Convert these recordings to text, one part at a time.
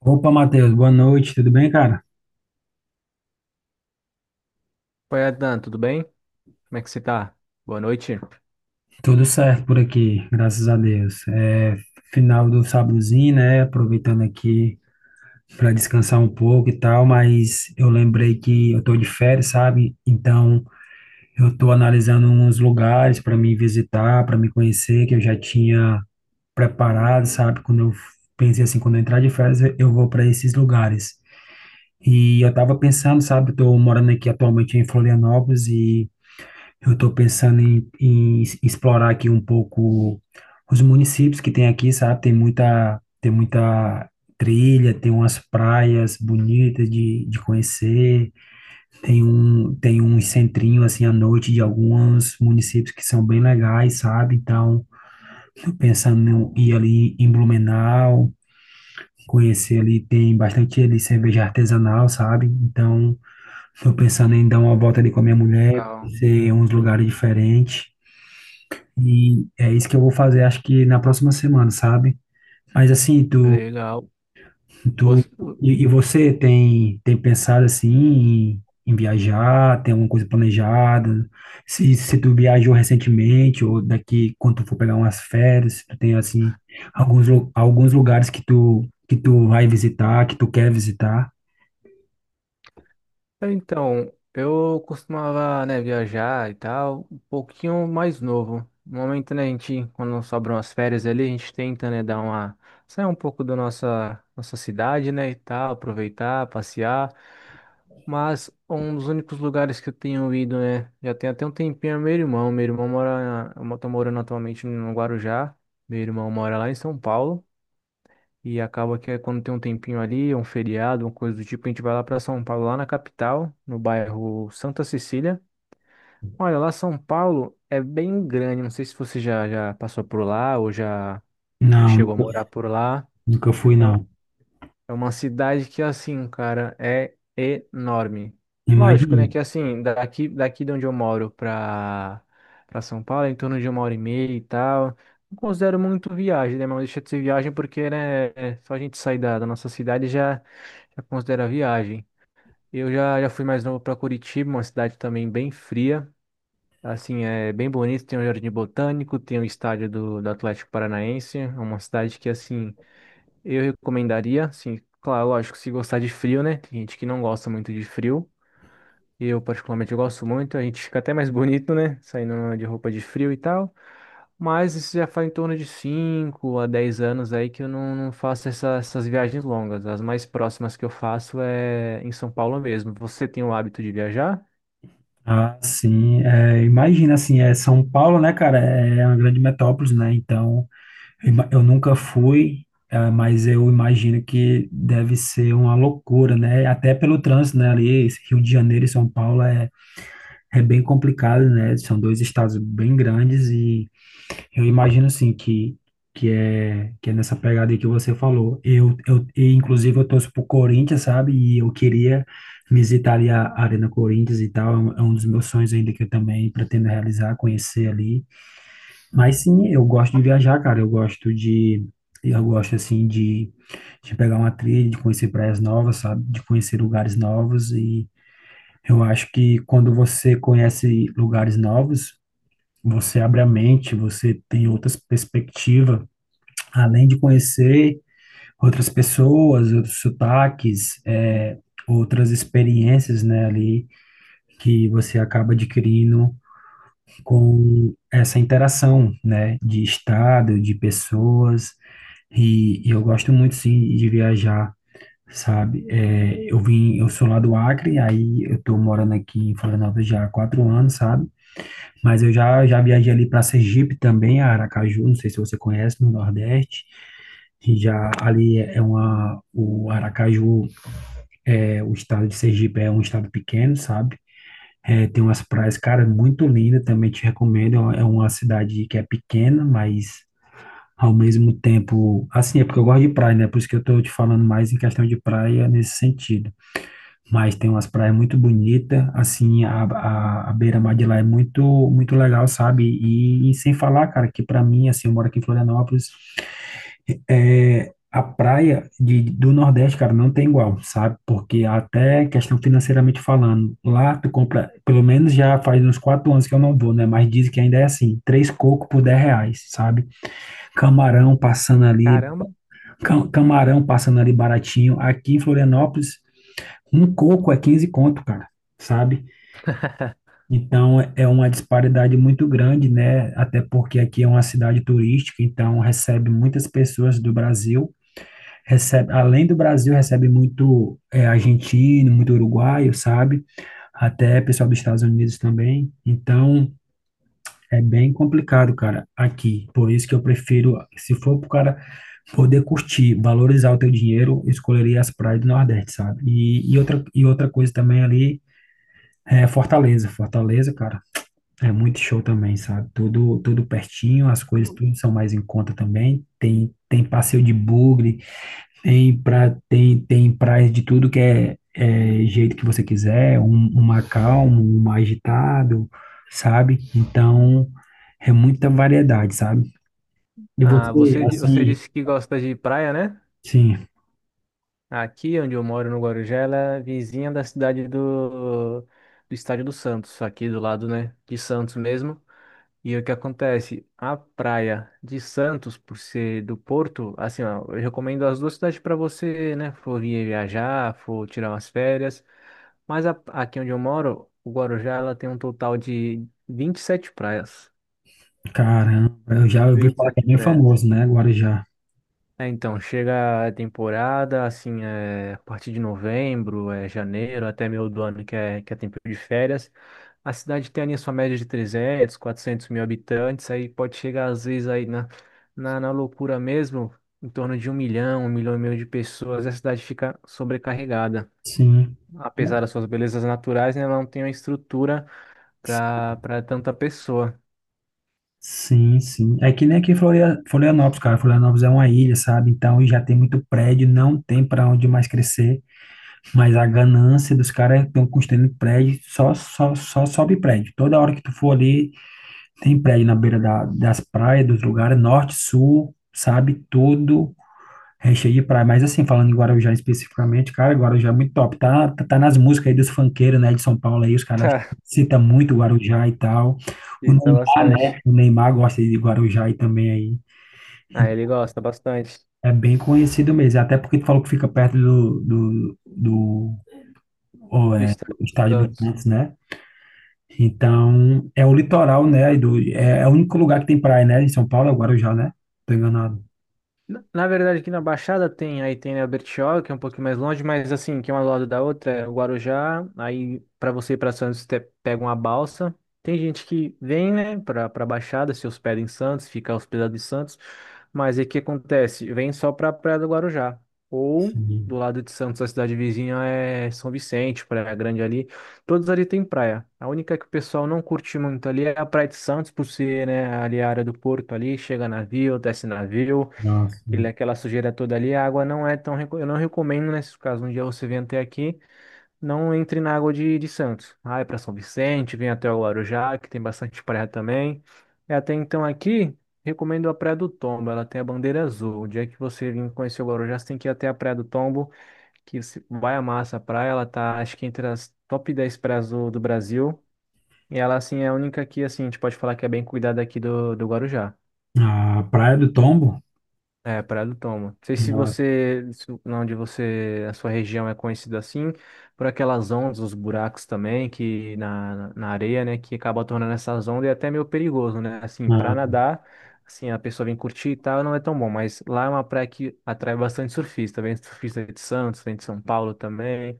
Opa, Matheus, boa noite, tudo bem, cara? Oi, Adan, tudo bem? Como é que você tá? Boa noite. Tudo certo por aqui, graças a Deus. É final do sábadozinho, né? Aproveitando aqui para descansar um pouco e tal, mas eu lembrei que eu tô de férias, sabe? Então, eu tô analisando uns lugares para me visitar, para me conhecer, que eu já tinha preparado, sabe? Quando eu pensei assim, quando eu entrar de férias, eu vou para esses lugares. E eu tava pensando, sabe? Eu tô morando aqui atualmente em Florianópolis. Eu estou pensando em explorar aqui um pouco os municípios que tem aqui, sabe? Tem muita trilha, tem umas praias bonitas de conhecer, tem um centrinho assim à noite de alguns municípios que são bem legais, sabe? Então, estou pensando em ir ali em Blumenau, conhecer ali, tem bastante ali cerveja artesanal, sabe? Então, estou pensando em dar uma volta ali com a minha mulher, Então, conhecer uns lugares diferentes. E é isso que eu vou fazer, acho que na próxima semana, sabe? Mas assim, tu, legal. tu Você- e você tem pensado assim em viajar, tem alguma coisa planejada? Se tu viajou recentemente ou daqui quando tu for pegar umas férias, se tu tem assim alguns lugares que tu vai visitar, que tu quer visitar? Então, eu costumava, né, viajar e tal, um pouquinho mais novo. No momento, né, a gente, quando sobram as férias ali, a gente tenta, né, dar uma... sair um pouco da nossa cidade, né, e tal, aproveitar, passear. Mas um dos únicos lugares que eu tenho ido, né, já tem até um tempinho, é meu irmão. Meu irmão mora, tá morando atualmente no Guarujá. Meu irmão mora lá em São Paulo. E acaba que é quando tem um tempinho ali, um feriado, uma coisa do tipo, a gente vai lá para São Paulo, lá na capital, no bairro Santa Cecília. Olha, lá São Paulo é bem grande, não sei se você já passou por lá ou já Não, chegou a nunca morar por lá. nunca fui, É não. é uma cidade que, assim, cara, é enorme. Lógico, né? Imagina. Que, assim, daqui de onde eu moro pra, pra São Paulo, é em torno de 1 hora e meia e tal. Não considero muito viagem, né? Mas deixa de ser viagem porque, né? Só a gente sair da, da nossa cidade já, já considera viagem. Eu já fui mais novo pra Curitiba, uma cidade também bem fria. Assim, é bem bonito. Tem um jardim botânico, tem o estádio do Atlético Paranaense. É uma cidade que, assim. Eu recomendaria, assim, claro, lógico, se gostar de frio, né? Tem gente que não gosta muito de frio. Eu, particularmente, eu gosto muito. A gente fica até mais bonito, né? Saindo de roupa de frio e tal. Mas isso já faz em torno de 5 a 10 anos aí que eu não faço essas viagens longas. As mais próximas que eu faço é em São Paulo mesmo. Você tem o hábito de viajar? Ah, sim. É, imagina, assim, é São Paulo, né, cara? É uma grande metrópole, né? Então, eu nunca fui, ah, mas eu imagino que deve ser uma loucura, né? Até pelo trânsito, né? Ali, esse Rio de Janeiro e São Paulo é. Bem complicado, né? São dois estados bem grandes e eu imagino assim que é que é nessa pegada aí que você falou. Eu e, inclusive, eu torço pro Corinthians, sabe? E eu queria visitar ali a Arena Corinthians e tal. É um dos meus sonhos ainda que eu também pretendo realizar, conhecer ali. Mas sim, eu gosto de viajar, cara. Eu gosto assim de pegar uma trilha, de conhecer praias novas, sabe? De conhecer lugares novos e eu acho que quando você conhece lugares novos, você abre a mente, você tem outras perspectivas, além de conhecer outras pessoas, outros sotaques, outras experiências, né, ali que você acaba adquirindo com essa interação, né, de estado, de pessoas. E eu gosto muito, sim, de viajar. Sabe, eu vim, eu sou lá do Acre, aí eu tô morando aqui em Florianópolis já há 4 anos, sabe? Mas eu já, já viajei ali para Sergipe também, a Aracaju, não sei se você conhece, no Nordeste. E já ali é uma, o Aracaju, é, o estado de Sergipe é um estado pequeno, sabe? É, tem umas praias, cara, muito linda, também te recomendo. É uma cidade que é pequena, mas ao mesmo tempo, assim, é porque eu gosto de praia, né? Por isso que eu tô te falando mais em questão de praia nesse sentido, mas tem umas praias muito bonitas, assim, a beira-mar de lá é muito, muito legal, sabe? E sem falar, cara, que pra mim, assim, eu moro aqui em Florianópolis, é, a praia de, do Nordeste, cara, não tem igual, sabe? Porque até questão financeiramente falando, lá tu compra, pelo menos já faz uns 4 anos que eu não vou, né? Mas dizem que ainda é assim, três cocos por R$ 10, sabe? Camarão passando ali, Caramba. camarão passando ali baratinho. Aqui em Florianópolis, um coco é 15 conto, cara, sabe? Então é uma disparidade muito grande, né? Até porque aqui é uma cidade turística, então recebe muitas pessoas do Brasil, recebe, além do Brasil, recebe muito é, argentino, muito uruguaio, sabe? Até pessoal dos Estados Unidos também. Então é bem complicado, cara, aqui. Por isso que eu prefiro, se for pro cara poder curtir, valorizar o teu dinheiro, eu escolheria as praias do Nordeste, sabe? E outra coisa também ali é Fortaleza. Fortaleza, cara. É muito show também, sabe? Tudo, tudo pertinho, as coisas tudo são mais em conta também. Tem passeio de bugre, tem praias de tudo que é, jeito que você quiser, um, uma calmo, um mais agitado, sabe? Então, é muita variedade, sabe? E Ah, você, você, você assim, disse que gosta de praia, né? sim, Aqui onde eu moro, no Guarujá, ela é vizinha da cidade do Estádio do Santos, aqui do lado, né, de Santos mesmo. E o que acontece? A praia de Santos, por ser do Porto, assim, ó, eu recomendo as duas cidades para você, né, for vir viajar, for tirar umas férias. Mas aqui onde eu moro, o Guarujá, ela tem um total de 27 praias. caramba, eu já ouvi vinte e falar que é sete bem praias. famoso, né? Guarujá. É, então, chega a temporada, assim, é, a partir de novembro, é, janeiro, até meio do ano, que é tempo de férias. A cidade tem ali a sua média de 300, 400 mil habitantes, aí pode chegar às vezes aí na, na loucura mesmo, em torno de 1 milhão, 1 milhão e meio de pessoas, e a cidade fica sobrecarregada. Sim. Apesar das suas belezas naturais, né, ela não tem uma estrutura para tanta pessoa. Sim, sim. É que nem aqui em Florianópolis, cara. Florianópolis é uma ilha, sabe? Então, já tem muito prédio, não tem para onde mais crescer. Mas a ganância dos caras estão construindo prédio, só, só, só sobe prédio. Toda hora que tu for ali, tem prédio na beira da, das praias, dos lugares, norte, sul, sabe? Tudo recheio de praia, mas assim, falando em Guarujá especificamente, cara, Guarujá é muito top. Tá, tá, tá nas músicas aí dos funkeiros, né, de São Paulo aí, os caras Tá, citam muito Guarujá e tal. O e tá Neymar, né, bastante. o Neymar gosta de Guarujá aí também aí. E Ah, ele gosta bastante É bem conhecido mesmo, até porque tu falou que fica perto do, do, do, oh, do é, do estado. Do estádio do Santos. Santos, né? Então, é o litoral, né, e do, é, é o único lugar que tem praia, né, em São Paulo é o Guarujá, né? Tô enganado. Na na verdade, aqui na Baixada tem, aí tem né, a Bertioga, que é um pouquinho mais longe, mas assim, que é uma do lado da outra, é o Guarujá, aí para você ir para Santos, você pega uma balsa. Tem gente que vem, né, para Baixada, se hospeda em Santos, fica hospedado em Santos, mas aí o que acontece? Vem só para Praia do Guarujá, ou do Sim, lado de Santos, a cidade vizinha é São Vicente, Praia Grande ali, todos ali tem praia. A única que o pessoal não curte muito ali é a Praia de Santos, por ser, né, ali a área do porto ali, chega navio, desce navio, nossa. ele, é aquela sujeira toda ali, a água não é tão. Eu não recomendo nesses casos. Um dia você vem até aqui, não entre na água de Santos. Ah, é para São Vicente, vem até o Guarujá, que tem bastante praia também. E até então aqui, recomendo a Praia do Tombo. Ela tem a bandeira azul. O dia que você vir conhecer o Guarujá, você tem que ir até a Praia do Tombo, que você vai amar essa praia. Ela tá, acho que entre as top 10 praias do Brasil. E ela, assim, é a única que, assim, a gente pode falar que é bem cuidada aqui do Guarujá. A Praia do Tombo. É, Praia do Tomo. Não sei se você, onde você, a sua região é conhecida assim, por aquelas ondas, os buracos também, que na, na areia, né, que acaba tornando essas ondas e é até meio perigoso, né? Assim, pra Não. nadar, assim, a pessoa vem curtir e tal, não é tão bom, mas lá é uma praia que atrai bastante surfista, vem surfista de Santos, vem de São Paulo também.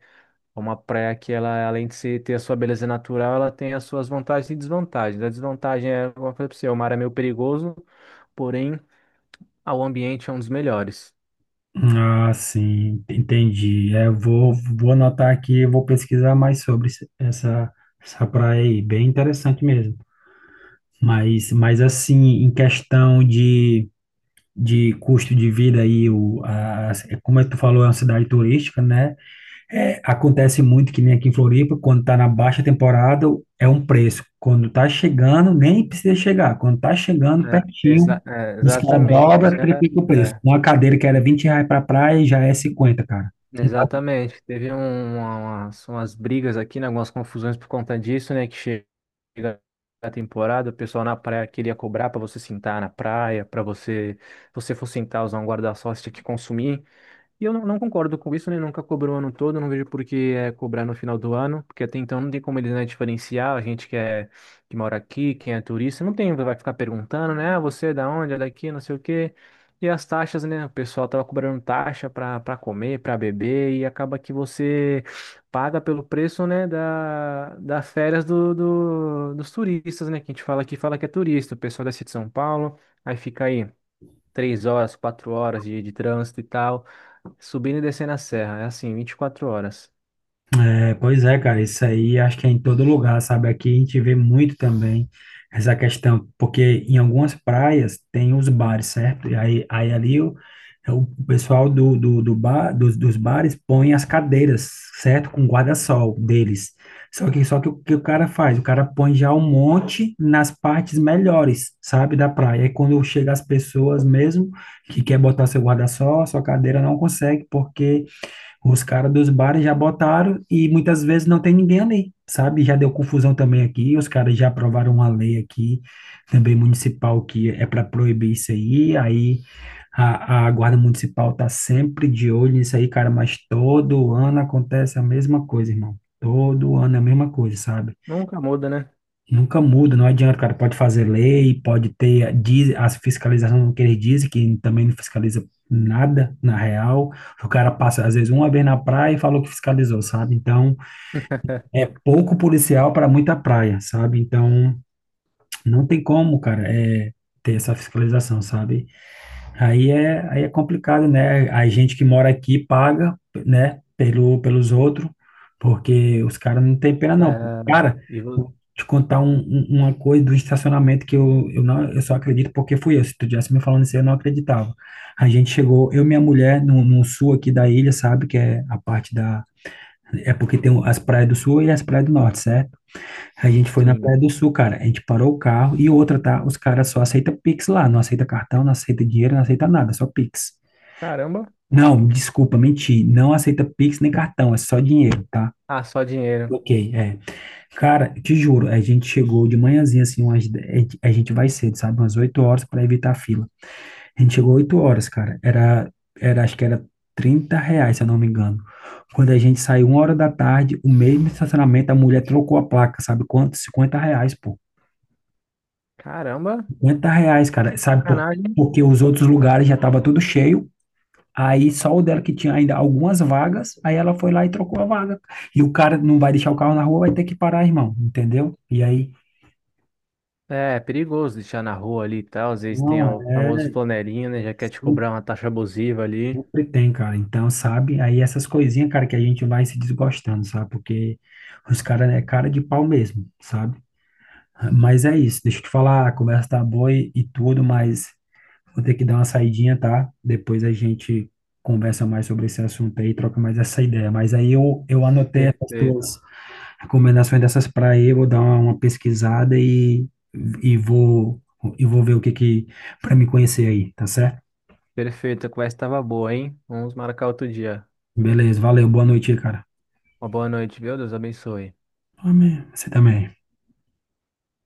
É uma praia que ela, além de ter a sua beleza natural, ela tem as suas vantagens e desvantagens. A desvantagem é, como eu falei pra você, o mar é meio perigoso, porém. Ah, o ambiente é um dos melhores. Ah, sim, entendi. É, eu vou, vou anotar aqui, eu vou pesquisar mais sobre essa praia aí, bem interessante mesmo. Mas assim, em questão de custo de vida aí, como é que tu falou, é uma cidade turística, né? É, acontece muito que nem aqui em Floripa, quando tá na baixa temporada, é um preço. Quando tá chegando, nem precisa chegar. Quando tá chegando É, pertinho, os caras exatamente. Você dobra, já, triplica o preço. é, Uma cadeira que era R$ 20 pra praia já é 50, cara. exatamente. Teve umas brigas aqui, né, algumas confusões por conta disso, né? Que chega a temporada, o pessoal na praia queria cobrar para você sentar na praia, para você, se você for sentar, usar um guarda-sol, você tinha que consumir. E eu não concordo com isso, né? Nunca cobrou o ano todo, não vejo por que é cobrar no final do ano, porque até então não tem como eles, né, diferenciar a gente que é que mora aqui, quem é turista, não tem, vai ficar perguntando, né? Ah, você é da onde? É daqui, não sei o quê. E as taxas, né? O pessoal tava cobrando taxa para comer, para beber, e acaba que você paga pelo preço, né, da, das férias do, dos turistas, né? Que a gente fala aqui, fala que é turista, o pessoal desce de São Paulo, aí fica aí 3 horas, 4 horas de trânsito e tal, subindo e descendo a serra. É assim, 24 horas. É, pois é, cara, isso aí acho que é em todo lugar, sabe? Aqui a gente vê muito também essa questão, porque em algumas praias tem os bares, certo? E aí, aí ali é o pessoal do bar, dos bares põe as cadeiras, certo? Com guarda-sol deles. Só que o que o cara faz? O cara põe já um monte nas partes melhores, sabe, da praia. E quando chega as pessoas mesmo que quer botar seu guarda-sol, sua cadeira não consegue, porque os caras dos bares já botaram e muitas vezes não tem ninguém ali, sabe? Já deu confusão também aqui, os caras já aprovaram uma lei aqui, também municipal, que é para proibir isso aí, aí a guarda municipal tá sempre de olho nisso aí, cara, mas todo ano acontece a mesma coisa, irmão. Todo ano é a mesma coisa, sabe? Nunca muda, né? Nunca muda, não adianta, cara. Pode fazer lei, pode ter diz, a fiscalização que eles dizem, que também não fiscaliza nada, na real. O cara passa, às vezes, uma vez na praia e falou que fiscalizou, sabe? Então, é pouco policial para muita praia, sabe? Então, não tem como, cara, é, ter essa fiscalização, sabe? Aí é complicado, né? A gente que mora aqui paga, né, pelo, pelos outros, porque os caras não têm pena, não. É, Cara, e vo- vou te contar uma coisa do estacionamento que não, eu só acredito porque fui eu. Se tu tivesse me falando isso, eu não acreditava. A gente chegou, eu e minha mulher, no sul aqui da ilha, sabe? Que é a parte da. É porque tem as praias do sul e as praias do norte, certo? A gente foi na Praia sim. do Sul, cara. A gente parou o carro e outra, tá? Os caras só aceitam Pix lá. Não aceita cartão, não aceita dinheiro, não aceita nada, só Pix. Caramba. Não, desculpa, menti. Não aceita Pix nem cartão, é só dinheiro, tá? Ah, só dinheiro. Ok, é. Cara, te juro, a gente chegou de manhãzinha, assim, umas, de- a gente vai cedo, sabe? Umas 8 horas para evitar a fila. A gente chegou 8 horas, cara. Acho que era R$ 30, se eu não me engano. Quando a gente saiu uma hora da tarde, o mesmo estacionamento, a mulher trocou a placa, sabe? Quanto? R$ 50, pô. Caramba, R$ 50, cara, sabe? Por, sacanagem. porque os outros lugares já tava tudo cheio, aí só o dela que tinha ainda algumas vagas, aí ela foi lá e trocou a vaga. E o cara não vai deixar o carro na rua, vai ter que parar, irmão, entendeu? E aí, É, é perigoso deixar na rua ali e tal. Às vezes tem não, o famoso é, flanelinha, né? Já quer te cobrar uma taxa abusiva ali. sempre tem, cara. Então, sabe? Aí essas coisinhas, cara, que a gente vai se desgostando, sabe? Porque os caras é cara de pau mesmo, sabe? Mas é isso, deixa eu te falar, a conversa tá boa e tudo, mas. Vou ter que dar uma saidinha, tá? Depois a gente conversa mais sobre esse assunto aí, troca mais essa ideia. Mas aí eu anotei essas Perfeito. tuas recomendações dessas para aí, vou dar uma pesquisada e vou e vou ver o que que para me conhecer aí, tá certo? Perfeito, a conversa estava boa, hein? Vamos marcar outro dia. Beleza, valeu, boa noite aí, cara. Uma boa noite, viu? Deus abençoe. Amém. Você também.